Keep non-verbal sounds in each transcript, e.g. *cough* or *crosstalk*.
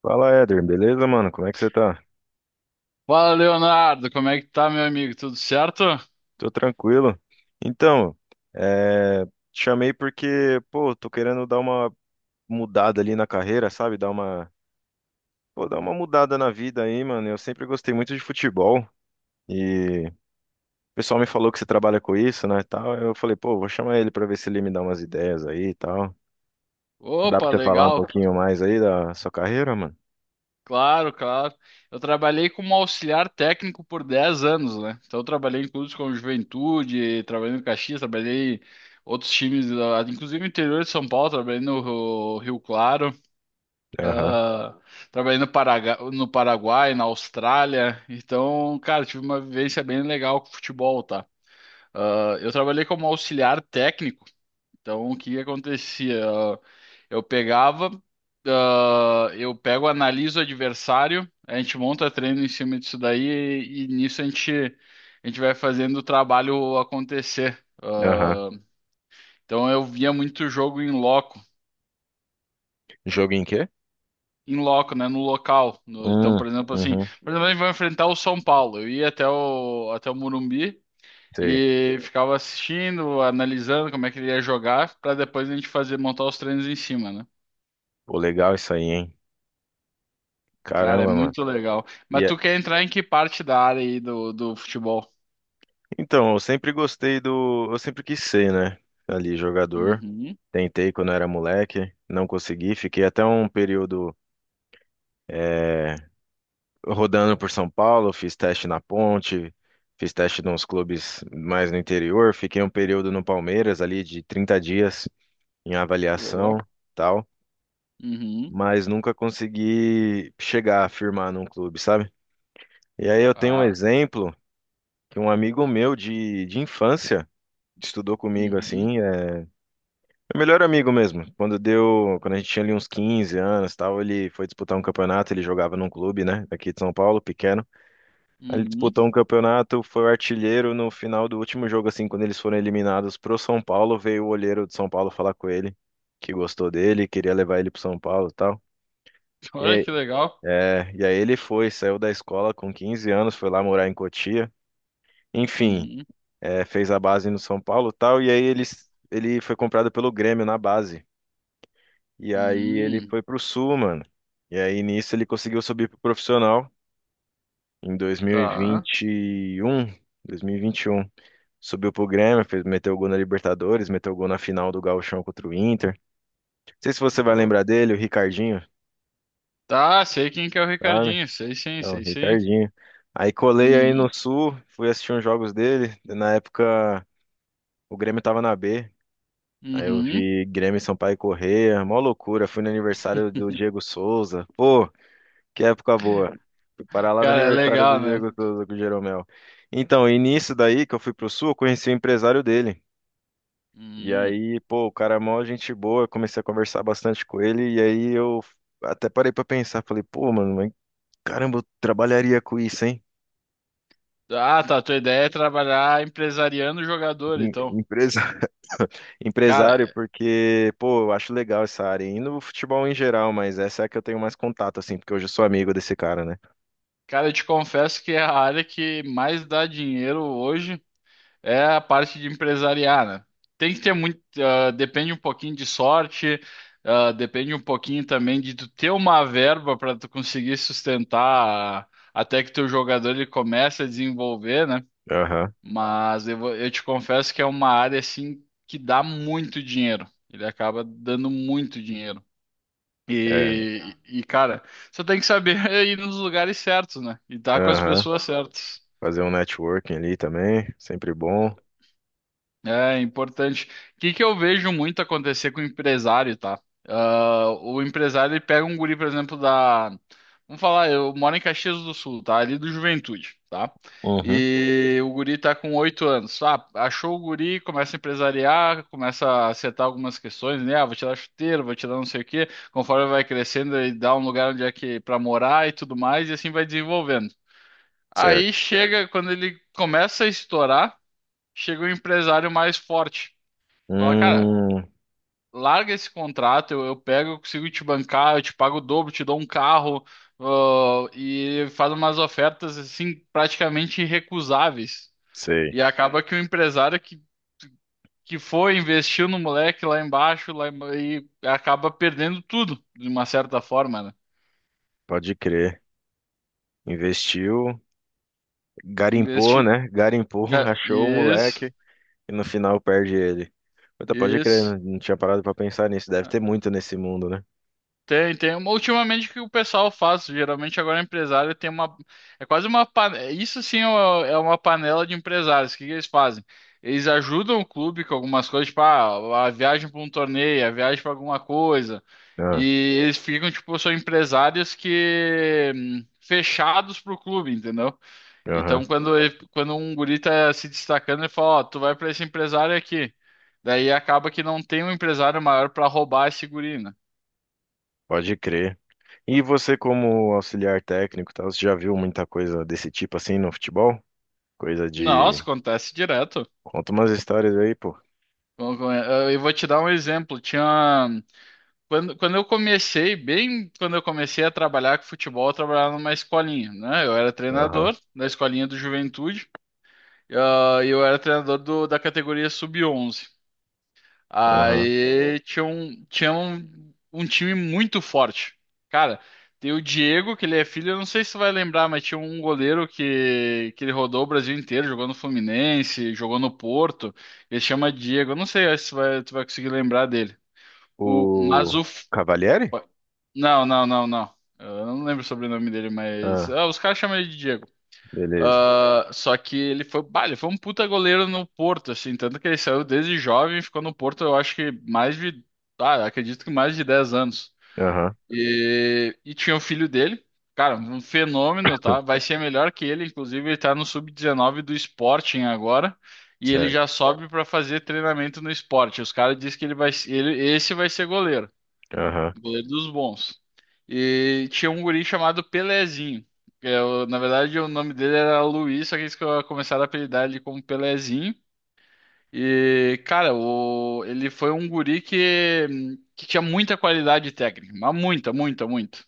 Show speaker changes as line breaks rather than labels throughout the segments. Fala, Éder, beleza, mano? Como é que você tá?
Fala, Leonardo, como é que tá, meu amigo? Tudo certo?
Tô tranquilo. Então, é, te chamei porque, pô, tô querendo dar uma mudada ali na carreira, sabe? Dar uma, pô, dar uma mudada na vida aí, mano. Eu sempre gostei muito de futebol e o pessoal me falou que você trabalha com isso, né, e tal. Eu falei, pô, vou chamar ele pra ver se ele me dá umas ideias aí e tal. Dá pra
Opa,
você falar um
legal,
pouquinho mais aí da sua carreira, mano?
claro, claro. Eu trabalhei como auxiliar técnico por 10 anos, né? Então, eu trabalhei em clubes como Juventude, trabalhei no Caxias, trabalhei em outros times, inclusive no interior de São Paulo, trabalhei no Rio Claro,
Aham,
ah, trabalhei no no Paraguai, na Austrália. Então, cara, tive uma vivência bem legal com futebol, tá? Ah, eu trabalhei como auxiliar técnico, então o que que acontecia? Eu pegava, eu pego, analiso o adversário, a gente monta treino em cima disso daí e nisso a gente vai fazendo o trabalho acontecer.
aham.
Ah, então eu via muito jogo
Jogo em quê?
em loco, né, no local. Então,
Hum,
por exemplo, assim,
uhum,
por exemplo, a gente vai enfrentar o São Paulo. Eu ia até o Morumbi
sei.
e ficava assistindo, analisando como é que ele ia jogar, para depois a gente fazer montar os treinos em cima, né?
Pô, legal isso aí, hein?
Cara, é
Caramba, mano.
muito legal. Mas
E
tu quer entrar em que parte da área aí do futebol?
Então, eu sempre gostei do. Eu sempre quis ser, né? Ali, jogador.
Uhum.
Tentei quando era moleque, não consegui. Fiquei até um período eh, rodando por São Paulo, fiz teste na Ponte, fiz teste nos clubes mais no interior. Fiquei um período no Palmeiras, ali de 30 dias em
Que legal.
avaliação, tal.
Uhum.
Mas nunca consegui chegar a firmar num clube, sabe? E aí eu tenho um
Tá.
exemplo que um amigo meu de infância estudou comigo,
Uhum.
assim. Meu melhor amigo mesmo. Quando deu, quando a gente tinha ali uns 15 anos, e tal, ele foi disputar um campeonato, ele jogava num clube, né, daqui de São Paulo, pequeno. Aí ele
Uhum.
disputou um campeonato, foi o artilheiro no final do último jogo assim, quando eles foram eliminados pro São Paulo, veio o olheiro de São Paulo falar com ele, que gostou dele, queria levar ele pro São Paulo, e tal.
*laughs*
E
Olha
aí,
que legal.
e aí ele foi, saiu da escola com 15 anos, foi lá morar em Cotia. Enfim,
Uhum.
é, fez a base no São Paulo, e tal, e aí ele foi comprado pelo Grêmio na base. E aí ele
Uhum.
foi pro Sul, mano. E aí nisso ele conseguiu subir pro profissional em
Tá.
2021. 2021. Subiu pro Grêmio, fez, meteu gol na Libertadores, meteu gol na final do Gauchão contra o Inter. Não sei se você vai
Boa.
lembrar dele, o Ricardinho,
Tá, sei quem que é o
sabe?
Ricardinho. Sei sim,
Não,
sei sim.
Ricardinho. Aí colei aí
Uhum.
no Sul, fui assistir uns jogos dele. Na época o Grêmio tava na B. Aí eu
Uhum.
vi Grêmio, Sampaio e Corrêa, mó loucura. Fui no aniversário do Diego
*laughs*
Souza. Pô, que época boa. Fui parar lá no
Cara, é
aniversário do
legal, né?
Diego Souza com o Jeromel. Então, e nisso daí que eu fui pro Sul, eu conheci o empresário dele. E
Uhum.
aí, pô, o cara é mó gente boa, eu comecei a conversar bastante com ele. E aí eu até parei pra pensar, falei, pô, mano, mas caramba, eu trabalharia com isso, hein?
Ah, tá. Tua ideia é trabalhar empresariando o jogador, então.
Empresa, *laughs*
Cara,
empresário, porque, pô, eu acho legal essa área. E no futebol em geral, mas essa é a que eu tenho mais contato, assim, porque hoje eu sou amigo desse cara, né?
cara, eu te confesso que é a área que mais dá dinheiro hoje. É a parte de empresariar, né? Tem que ter muito, depende um pouquinho de sorte, depende um pouquinho também de tu ter uma verba para tu conseguir sustentar até que teu jogador ele comece a desenvolver, né?
Aham,
Mas eu te confesso que é uma área assim que dá muito dinheiro. Ele acaba dando muito dinheiro.
é,
E cara, só tem que saber *laughs* ir nos lugares certos, né? E estar com as
aham.
pessoas certas.
Fazer um networking ali também, sempre bom.
É importante. O que que eu vejo muito acontecer com o empresário, tá? Ah, o empresário ele pega um guri, por exemplo, da. Vamos falar, eu moro em Caxias do Sul, tá? Ali do Juventude, tá?
Uhum.
E o guri tá com 8 anos. Ah, achou o guri, começa a empresariar, começa a acertar algumas questões, né? Ah, vou te dar chuteiro, vou te dar não sei o quê. Conforme vai crescendo, ele dá um lugar onde é que para morar e tudo mais, e assim vai desenvolvendo. Aí
Certo?
chega, quando ele começa a estourar, chega o empresário mais forte. Fala, cara,
Hum,
larga esse contrato, eu pego, eu consigo te bancar, eu te pago o dobro, te dou um carro, e faz umas ofertas assim praticamente irrecusáveis.
sei.
E acaba que o empresário que foi, investiu no moleque lá embaixo, e acaba perdendo tudo, de uma certa forma, né?
Pode crer. Investiu, garimpou,
Investiu.
né? Garimpou, *laughs* achou o
Isso,
moleque e no final perde ele. Puta, pode crer,
isso.
não tinha parado pra pensar nisso. Deve ter muito nesse mundo, né?
Tem, tem. Ultimamente o que o pessoal faz, geralmente agora é empresário tem uma. É quase uma. Isso sim é uma panela de empresários. O que que eles fazem? Eles ajudam o clube com algumas coisas, tipo, a viagem para um torneio, a viagem para alguma coisa.
Ah,
E eles ficam, tipo, são empresários que, fechados pro clube, entendeu?
aham.
Então quando, quando um guri tá se destacando, ele fala: Ó, tu vai para esse empresário aqui. Daí acaba que não tem um empresário maior para roubar esse guri, né?
Pode crer. E você, como auxiliar técnico, e tal, você já viu muita coisa desse tipo assim no futebol? Coisa
Nossa,
de.
acontece direto.
Conta umas histórias aí, pô.
Bom, eu vou te dar um exemplo. Quando eu comecei, bem quando eu comecei a trabalhar com futebol, eu trabalhava numa escolinha, né? Eu era
Aham,
treinador da escolinha do Juventude, e eu era treinador da categoria sub-11.
aham.
Aí tinha um time muito forte. Cara, tem o Diego, que ele é filho, eu não sei se tu vai lembrar, mas tinha um goleiro que ele rodou o Brasil inteiro, jogou no Fluminense, jogou no Porto. Ele chama Diego, eu não sei se tu vai conseguir lembrar dele. O, mas
O
o. F-
Cavalieri?
Não, não, não, não. Eu não lembro o sobrenome dele, mas
Ah,
os caras chamam ele de Diego.
beleza.
Ah, só que ele foi um puta goleiro no Porto, assim, tanto que ele saiu desde jovem, e ficou no Porto, eu acho que acredito que mais de 10 anos.
Aham,
E tinha o filho dele, cara, um fenômeno,
*laughs*
tá? Vai ser melhor que ele, inclusive ele tá no sub-19 do Sporting agora, e ele
certo.
já sobe pra fazer treinamento no Sporting. Os caras dizem que esse vai ser goleiro.
Aham.
Goleiro dos bons. E tinha um guri chamado Pelezinho, na verdade, o nome dele era Luiz, só que eles começaram a apelidar ele como Pelezinho. E, cara, ele foi um guri que tinha muita qualidade técnica, mas muita, muita, muita.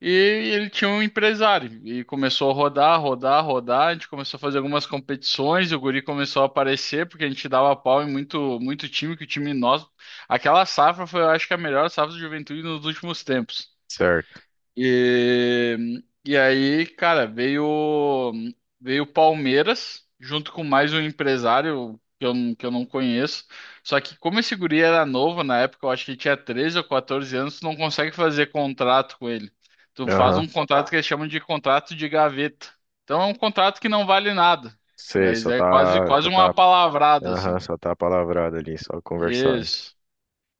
E ele tinha um empresário e começou a rodar, rodar, rodar. A gente começou a fazer algumas competições e o guri começou a aparecer porque a gente dava pau em muito, muito time, que o time nosso. Aquela safra foi, eu acho que a melhor safra de juventude nos últimos tempos.
Certo.
E aí, cara, veio o Palmeiras junto com mais um empresário que eu não conheço. Só que como esse guri era novo na época, eu acho que ele tinha 13 ou 14 anos, tu não consegue fazer contrato com ele. Tu faz um
Aham.
contrato que eles chamam de contrato de gaveta. Então é um contrato que não vale nada,
Sei,
mas é quase quase uma palavrada
aham,
assim.
só tá palavrado ali, só conversado.
Isso.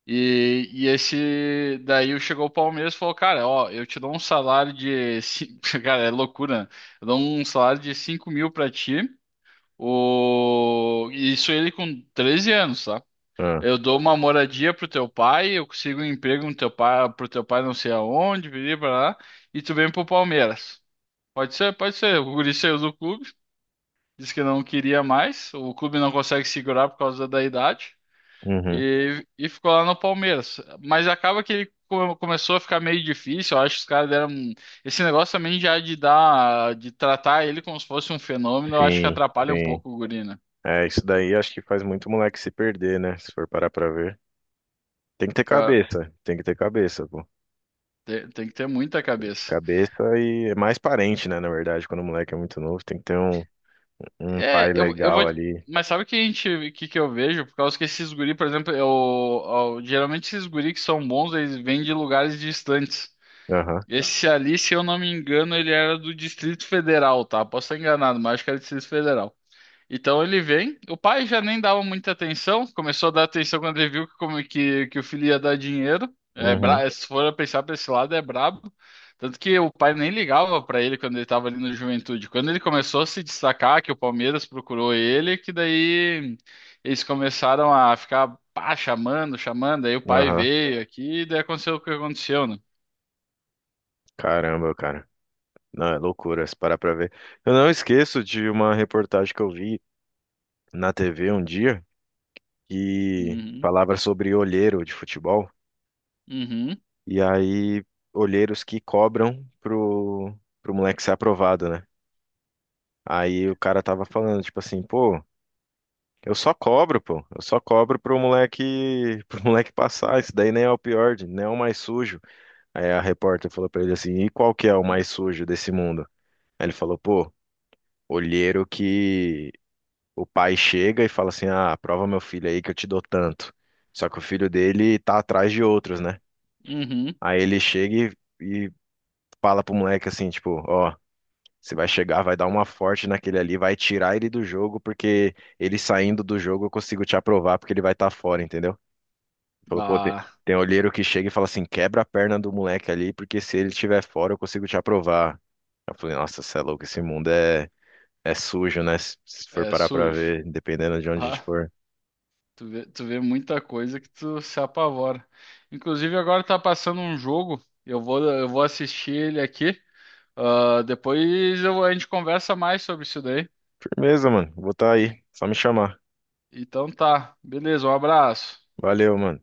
E esse daí chegou o Palmeiras e falou, cara, ó, eu te dou um salário *laughs* cara, é loucura, né? Eu dou um salário de 5.000 pra ti, o... isso ele com 13 anos, tá?
Ah,
Eu dou uma moradia pro teu pai, eu consigo um emprego no teu pai, pro teu pai não sei aonde, vir pra lá, e tu vem pro Palmeiras. Pode ser, pode ser. O guri saiu do clube, disse que não queria mais, o clube não consegue segurar por causa da idade.
uhum.
E ficou lá no Palmeiras. Mas acaba que ele começou a ficar meio difícil. Eu acho que os caras deram. Esse negócio também já de dar, de tratar ele como se fosse um fenômeno, eu acho que
Sim,
atrapalha um
sim.
pouco o guri, né?
É, isso daí acho que faz muito moleque se perder, né? Se for parar pra ver. Tem que ter
Porque, ó,
cabeça, tem que ter cabeça, pô.
tem que ter muita cabeça.
Cabeça e é mais parente, né? Na verdade, quando o moleque é muito novo, tem que ter um, um pai
É, eu vou.
legal ali.
Mas sabe o que que eu vejo? Por causa que esses guri, por exemplo, geralmente esses guri que são bons, eles vêm de lugares distantes. Tá.
Aham,
Esse ali, se eu não me engano, ele era do Distrito Federal, tá? Posso estar enganado, mas acho que era do Distrito Federal. Então ele vem, o pai já nem dava muita atenção, começou a dar atenção quando ele viu que, que o filho ia dar dinheiro. É,
uhum,
é, se for pensar para esse lado, é brabo. Tanto que o pai nem ligava para ele quando ele estava ali no Juventude. Quando ele começou a se destacar, que o Palmeiras procurou ele, que daí eles começaram a ficar pá, chamando, chamando. Aí o pai
aham.
veio aqui e daí aconteceu o que aconteceu, né?
Caramba, cara. Não, é loucura, se parar pra ver. Eu não esqueço de uma reportagem que eu vi na TV um dia. Que
Uhum,
falava sobre olheiro de futebol,
uhum,
e aí olheiros que cobram pro, pro moleque ser aprovado, né? Aí o cara tava falando, tipo assim, pô, eu só cobro, pô, eu só cobro pro moleque, *laughs* pro moleque passar, isso daí nem é o pior, nem é o mais sujo. Aí a repórter falou pra ele assim, e qual que é o mais sujo desse mundo? Aí ele falou, pô, olheiro que o pai chega e fala assim, ah, aprova meu filho aí que eu te dou tanto. Só que o filho dele tá atrás de outros, né?
uhum.
Aí ele chega e fala pro moleque assim, tipo, ó, você vai chegar, vai dar uma forte naquele ali, vai tirar ele do jogo, porque ele saindo do jogo eu consigo te aprovar, porque ele vai estar fora, entendeu? Ele Falou, pô,
Bah,
tem olheiro que chega e fala assim, quebra a perna do moleque ali, porque se ele estiver fora eu consigo te aprovar. Eu falei, nossa, você é louco, esse mundo é, é sujo, né? Se for
é
parar pra
sujo.
ver, dependendo de onde a gente for.
Tu vê muita coisa que tu se apavora. Inclusive, agora tá passando um jogo. Eu vou assistir ele aqui. Ah, depois a gente conversa mais sobre isso daí.
Firmeza, mano, vou estar aí, só me chamar.
Então tá, beleza, um abraço.
Valeu, mano.